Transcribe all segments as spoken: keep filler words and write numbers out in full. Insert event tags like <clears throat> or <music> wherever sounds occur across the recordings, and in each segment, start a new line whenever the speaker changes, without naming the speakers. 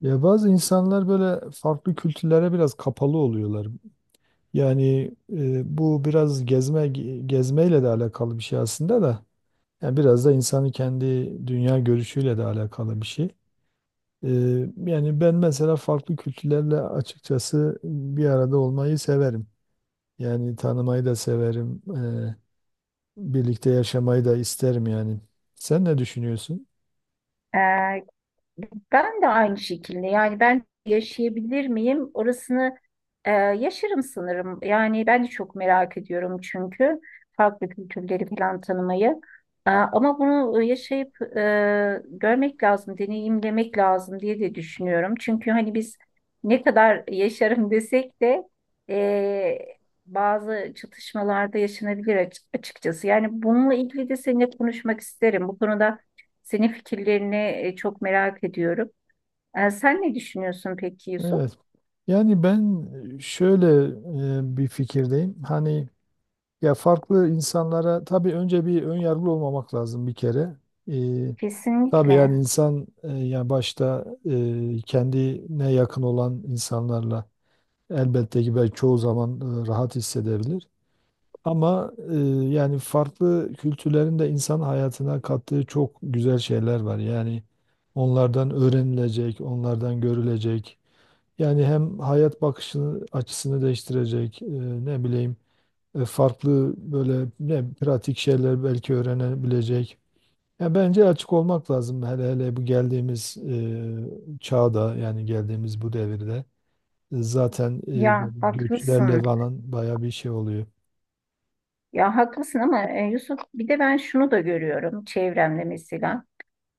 Ya bazı insanlar böyle farklı kültürlere biraz kapalı oluyorlar. Yani e, bu biraz gezme ge- gezmeyle de alakalı bir şey aslında da. Yani biraz da insanın kendi dünya görüşüyle de alakalı bir şey. E, Yani ben mesela farklı kültürlerle açıkçası bir arada olmayı severim. Yani tanımayı da severim. E, birlikte yaşamayı da isterim yani. Sen ne düşünüyorsun?
Ee, Ben de aynı şekilde, yani ben yaşayabilir miyim orasını, e, yaşarım sanırım. Yani ben de çok merak ediyorum, çünkü farklı kültürleri falan tanımayı. Ee, ama bunu yaşayıp e, görmek lazım, deneyimlemek lazım diye de düşünüyorum. Çünkü hani biz ne kadar yaşarım desek de e, bazı çatışmalarda yaşanabilir aç- açıkçası. Yani bununla ilgili de seninle konuşmak isterim, bu konuda senin fikirlerini e, çok merak ediyorum. E, sen ne düşünüyorsun peki, Yusuf?
Evet. Yani ben şöyle e, bir fikirdeyim. Hani ya farklı insanlara tabii önce bir ön yargılı olmamak lazım bir kere. Ee, tabii yani
Kesinlikle.
insan e, yani başta e, kendine yakın olan insanlarla elbette ki belki çoğu zaman e, rahat hissedebilir. Ama e, yani farklı kültürlerin de insan hayatına kattığı çok güzel şeyler var. Yani onlardan öğrenilecek, onlardan görülecek. Yani hem hayat bakışını açısını değiştirecek, e, ne bileyim e, farklı böyle ne pratik şeyler belki öğrenebilecek. Ya bence açık olmak lazım hele hele bu geldiğimiz e, çağda yani geldiğimiz bu devirde. E, zaten e, böyle
Ya
göçlerle
haklısın.
falan baya bir şey oluyor.
Ya haklısın ama e, Yusuf, bir de ben şunu da görüyorum çevremde mesela.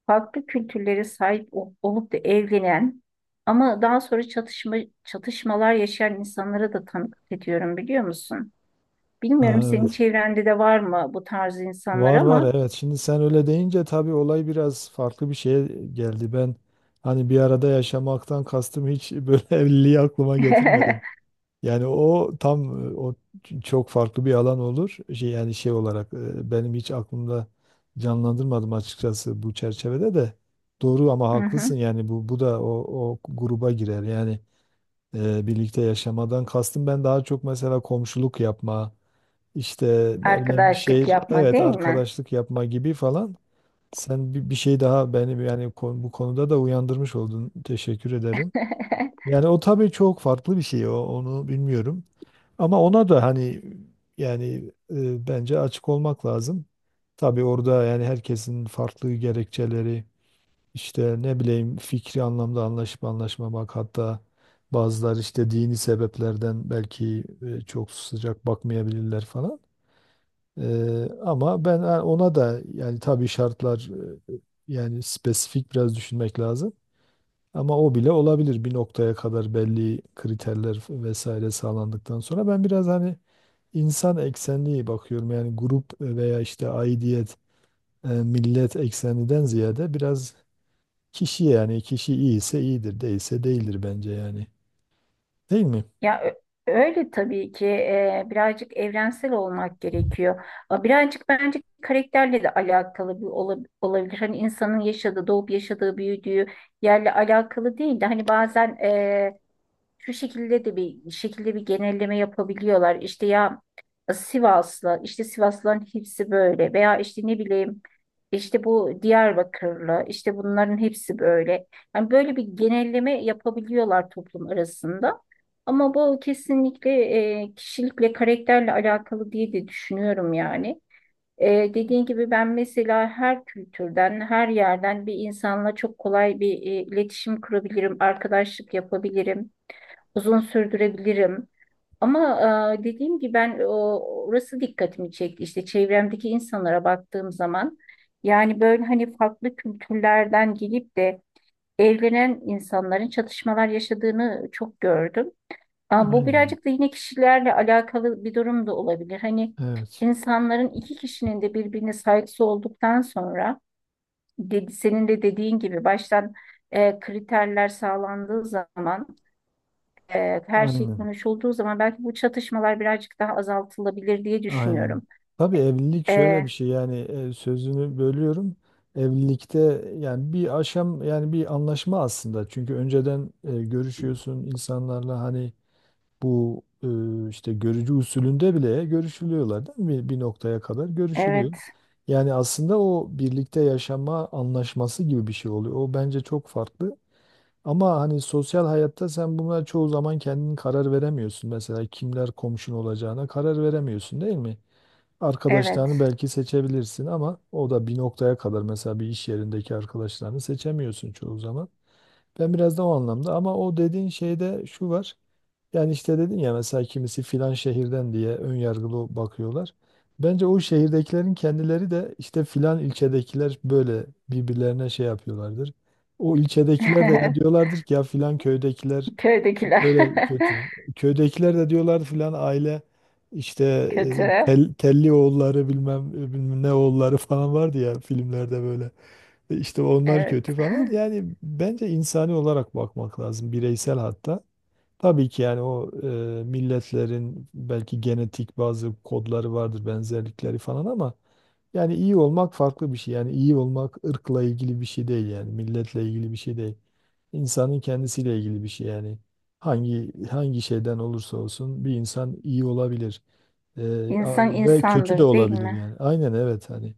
Farklı kültürlere sahip ol- olup da evlenen ama daha sonra çatışma çatışmalar yaşayan insanlara da tanıklık ediyorum, biliyor musun?
Ha,
Bilmiyorum, senin
evet.
çevrende de var mı bu tarz insanlar
Var var,
ama
evet. Şimdi sen öyle deyince tabii olay biraz farklı bir şeye geldi. Ben hani bir arada yaşamaktan kastım hiç böyle <laughs> evliliği aklıma
<laughs>
getirmedim. Yani o tam e, o ç- çok farklı bir alan olur. Şey, yani şey olarak e, benim hiç aklımda canlandırmadım açıkçası bu çerçevede de. Doğru ama
Hı hı.
haklısın yani bu bu da o, o gruba girer. Yani e, birlikte yaşamadan kastım ben daha çok mesela komşuluk yapma, işte ne bileyim bir
Arkadaşlık
şehir
yapma,
evet
değil mi?
arkadaşlık yapma gibi falan. Sen bir, bir şey daha benim yani kon- bu konuda da uyandırmış oldun. Teşekkür ederim.
<laughs>
Yani o tabii çok farklı bir şey. O, onu bilmiyorum. Ama ona da hani yani e, bence açık olmak lazım. Tabii orada yani herkesin farklı gerekçeleri işte ne bileyim fikri anlamda anlaşıp anlaşmamak, hatta bazıları işte dini sebeplerden belki e, çok sıcak bakmayabilirler falan. E, ama ben e, ona da yani tabii şartlar, e, yani spesifik biraz düşünmek lazım. Ama o bile olabilir bir noktaya kadar belli kriterler vesaire sağlandıktan sonra. Ben biraz hani insan eksenli bakıyorum yani grup veya işte aidiyet, e, millet eksenliden ziyade biraz kişi, yani kişi iyiyse iyidir, değilse değildir bence yani. Değil mi?
Ya ö- öyle tabii ki, e, birazcık evrensel olmak gerekiyor. A, birazcık bence karakterle de alakalı bir ola- olabilir. Hani insanın yaşadığı, doğup yaşadığı, büyüdüğü yerle alakalı değil de hani bazen e, şu şekilde de bir şekilde bir genelleme yapabiliyorlar. İşte ya Sivaslı, işte Sivaslıların hepsi böyle veya işte ne bileyim, işte bu Diyarbakırlı, işte bunların hepsi böyle. Yani böyle bir genelleme yapabiliyorlar toplum arasında. Ama bu kesinlikle e, kişilikle, karakterle alakalı diye de düşünüyorum yani. Ee, dediğin gibi ben mesela her kültürden, her yerden bir insanla çok kolay bir e, iletişim kurabilirim, arkadaşlık yapabilirim, uzun sürdürebilirim. Ama e, dediğim gibi ben o, orası dikkatimi çekti. İşte çevremdeki insanlara baktığım zaman yani böyle hani farklı kültürlerden gelip de evlenen insanların çatışmalar yaşadığını çok gördüm. Aa, bu
Aynen.
birazcık da yine kişilerle alakalı bir durum da olabilir. Hani
Evet.
insanların, iki kişinin de birbirine saygısı olduktan sonra, dedi, senin de dediğin gibi baştan e, kriterler sağlandığı zaman, e, her şey
Aynen.
konuşulduğu zaman belki bu çatışmalar birazcık daha azaltılabilir diye
Aynen.
düşünüyorum.
Tabii evlilik şöyle
E,
bir şey yani, e, sözünü bölüyorum. Evlilikte yani bir aşam yani bir anlaşma aslında. Çünkü önceden e, görüşüyorsun insanlarla hani. Bu e, işte görücü usulünde bile görüşülüyorlar değil mi? Bir noktaya kadar görüşülüyor.
evet,
Yani aslında o birlikte yaşama anlaşması gibi bir şey oluyor. O bence çok farklı. Ama hani sosyal hayatta sen bunlara çoğu zaman kendin karar veremiyorsun. Mesela kimler komşun olacağına karar veremiyorsun, değil mi? Arkadaşlarını
evet.
belki seçebilirsin ama o da bir noktaya kadar, mesela bir iş yerindeki arkadaşlarını seçemiyorsun çoğu zaman. Ben biraz da o anlamda. Ama o dediğin şeyde şu var. Yani işte dedin ya, mesela kimisi filan şehirden diye ön yargılı bakıyorlar. Bence o şehirdekilerin kendileri de işte filan ilçedekiler böyle birbirlerine şey yapıyorlardır. O ilçedekiler de ya
<laughs>
diyorlardır ki ya filan köydekiler hep
Köydekiler
böyle kötü. Köydekiler de diyorlar filan aile işte
<laughs>
e,
kötü.
tel- telli oğulları bilmem, e, bilmem ne oğulları <laughs> falan vardı ya filmlerde böyle. E, İşte onlar
Evet.
kötü falan. Yani bence insani olarak bakmak lazım, bireysel hatta. Tabii ki yani o e, milletlerin belki genetik bazı kodları vardır, benzerlikleri falan, ama yani iyi olmak farklı bir şey. Yani iyi olmak ırkla ilgili bir şey değil, yani milletle ilgili bir şey değil. İnsanın kendisiyle ilgili bir şey yani. Hangi hangi şeyden olursa olsun bir insan iyi olabilir. E, a-
İnsan
ve kötü de
insandır, değil
olabilir
mi?
yani. Aynen, evet, hani.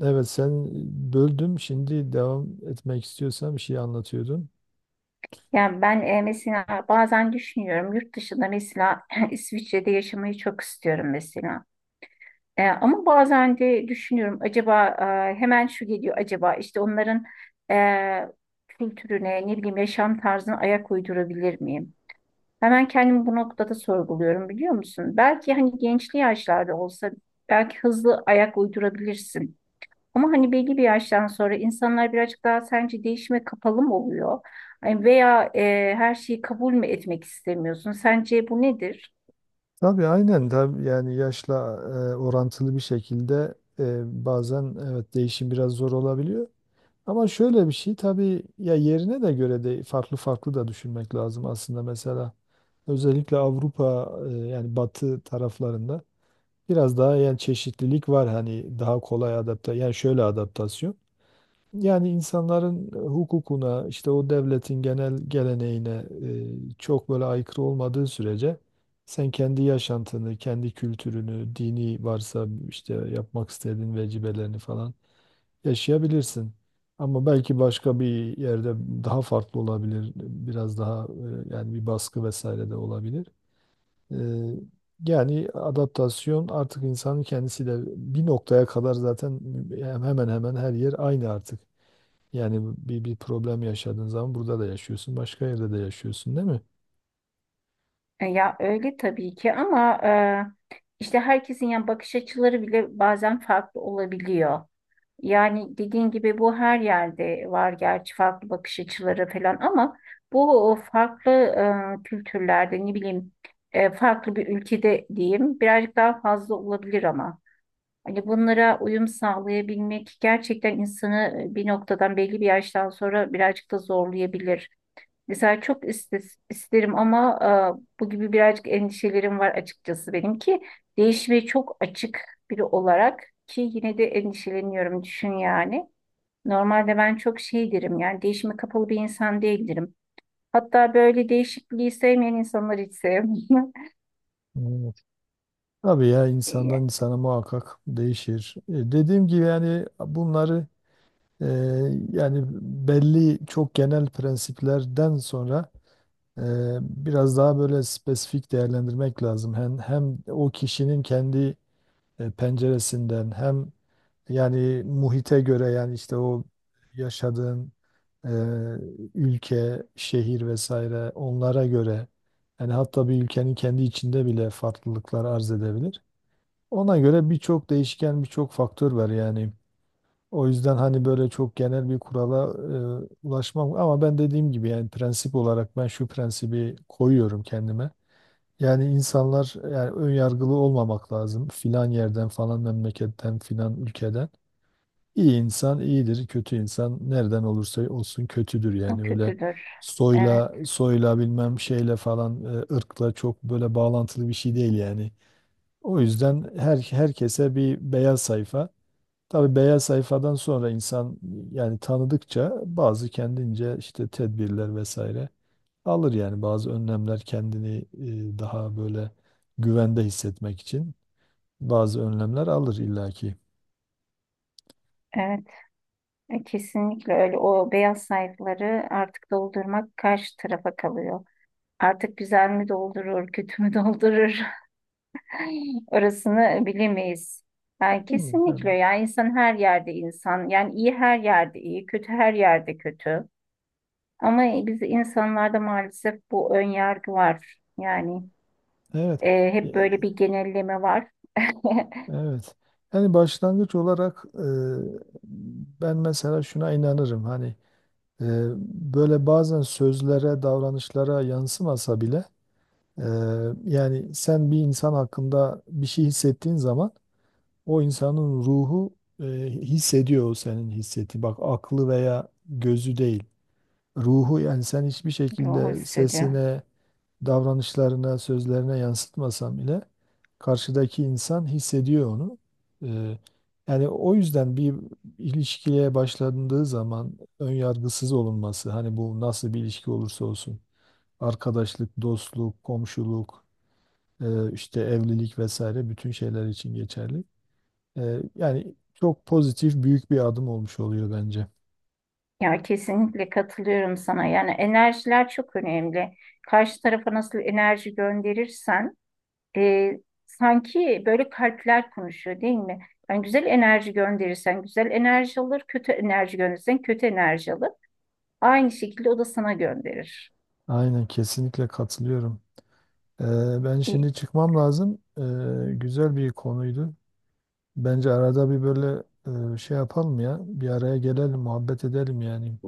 Evet, sen. Böldüm. Şimdi devam etmek istiyorsan, bir şey anlatıyordun.
Yani ben e, mesela bazen düşünüyorum yurt dışında mesela, <laughs> <clears throat> İsviçre'de yaşamayı çok istiyorum mesela. E, ama bazen de düşünüyorum, acaba e, hemen şu geliyor, acaba işte onların e, kültürüne, ne bileyim, yaşam tarzına ayak uydurabilir miyim? Hemen kendimi bu noktada sorguluyorum, biliyor musun? Belki hani gençli yaşlarda olsa belki hızlı ayak uydurabilirsin. Ama hani belli bir yaştan sonra insanlar birazcık daha, sence, değişime kapalı mı oluyor? Ay, veya e, her şeyi kabul mü etmek istemiyorsun? Sence bu nedir?
Tabii aynen tabii, yani yaşla e, orantılı bir şekilde e, bazen evet değişim biraz zor olabiliyor. Ama şöyle bir şey, tabii ya yerine de göre de farklı farklı da düşünmek lazım aslında. Mesela özellikle Avrupa, e, yani Batı taraflarında biraz daha yani çeşitlilik var, hani daha kolay adapte, yani şöyle adaptasyon, yani insanların hukukuna, işte o devletin genel geleneğine e, çok böyle aykırı olmadığı sürece sen kendi yaşantını, kendi kültürünü, dini varsa işte yapmak istediğin vecibelerini falan yaşayabilirsin. Ama belki başka bir yerde daha farklı olabilir. Biraz daha e, yani bir baskı vesaire de olabilir. E, Yani adaptasyon artık insanın kendisi de bir noktaya kadar zaten hemen hemen her yer aynı artık. Yani bir, bir problem yaşadığın zaman burada da yaşıyorsun, başka yerde de yaşıyorsun, değil mi?
E, ya öyle tabii ki, ama e, işte herkesin yani bakış açıları bile bazen farklı olabiliyor. Yani dediğin gibi bu her yerde var gerçi, farklı bakış açıları falan, ama bu o farklı e, kültürlerde, ne bileyim, e, farklı bir ülkede diyeyim birazcık daha fazla olabilir ama. Hani bunlara uyum sağlayabilmek gerçekten insanı e, bir noktadan, belli bir yaştan sonra birazcık da zorlayabilir. Mesela çok istes- isterim ama e, bu gibi birazcık endişelerim var açıkçası, benim ki değişmeye çok açık biri olarak ki yine de endişeleniyorum, düşün yani. Normalde ben çok şey derim yani, değişime kapalı bir insan değildirim. Hatta böyle değişikliği sevmeyen insanları hiç sevmiyorum.
Evet. Tabii ya insandan
<laughs>
insana muhakkak değişir. E, dediğim gibi yani bunları e, yani belli çok genel prensiplerden sonra e, biraz daha böyle spesifik değerlendirmek lazım. Hem, hem o kişinin kendi e, penceresinden, hem yani muhite göre, yani işte o yaşadığın e, ülke, şehir vesaire, onlara göre. Yani hatta bir ülkenin kendi içinde bile farklılıklar arz edebilir. Ona göre birçok değişken, birçok faktör var yani. O yüzden hani böyle çok genel bir kurala e, ulaşmam, ama ben dediğim gibi yani prensip olarak ben şu prensibi koyuyorum kendime. Yani insanlar, yani ön yargılı olmamak lazım. Filan yerden, falan memleketten, filan ülkeden. İyi insan iyidir, kötü insan nereden olursa olsun kötüdür.
Yani
Yani öyle
kötüdür.
soyla
Evet,
soyla bilmem şeyle falan, e, ırkla çok böyle bağlantılı bir şey değil yani. O yüzden her herkese bir beyaz sayfa. Tabii beyaz sayfadan sonra insan yani tanıdıkça bazı kendince işte tedbirler vesaire alır, yani bazı önlemler, kendini e, daha böyle güvende hissetmek için bazı önlemler alır illaki.
evet. E, Kesinlikle öyle. O beyaz sayfaları artık doldurmak karşı tarafa kalıyor. Artık güzel mi doldurur, kötü mü doldurur? <laughs> Orasını bilemeyiz. Yani
Değil mi? Yani.
kesinlikle, yani insan her yerde insan. Yani iyi her yerde iyi, kötü her yerde kötü. Ama biz insanlarda maalesef bu ön yargı var. Yani
Evet.
e,
E,
hep böyle bir genelleme var. <laughs>
Evet. Yani başlangıç olarak e, ben mesela şuna inanırım, hani e, böyle bazen sözlere, davranışlara yansımasa bile Ee, yani sen bir insan hakkında bir şey hissettiğin zaman o insanın ruhu e, hissediyor o senin hissettiği. Bak, aklı veya gözü değil. Ruhu. Yani sen hiçbir
Ruhu
şekilde
hissediyor.
sesine, davranışlarına, sözlerine yansıtmasan bile karşıdaki insan hissediyor onu. Ee, Yani o yüzden bir ilişkiye başlandığı zaman ön yargısız olunması, hani bu nasıl bir ilişki olursa olsun, arkadaşlık, dostluk, komşuluk, ee, işte evlilik vesaire bütün şeyler için geçerli. Ee, yani çok pozitif büyük bir adım olmuş oluyor bence.
Ya kesinlikle katılıyorum sana. Yani enerjiler çok önemli. Karşı tarafa nasıl enerji gönderirsen e, sanki böyle kalpler konuşuyor, değil mi? Yani güzel enerji gönderirsen güzel enerji alır, kötü enerji gönderirsen kötü enerji alır. Aynı şekilde o da sana gönderir.
Aynen, kesinlikle katılıyorum. Ee, Ben
E,
şimdi çıkmam lazım. Ee, güzel bir konuydu. Bence arada bir böyle e, şey yapalım ya. Bir araya gelelim, muhabbet edelim yani.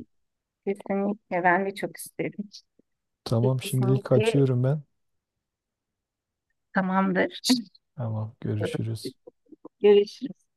Kesinlikle ben de çok isterim.
Tamam, şimdilik
Kesinlikle,
kaçıyorum ben.
tamamdır.
Tamam, görüşürüz.
<laughs> Görüşürüz.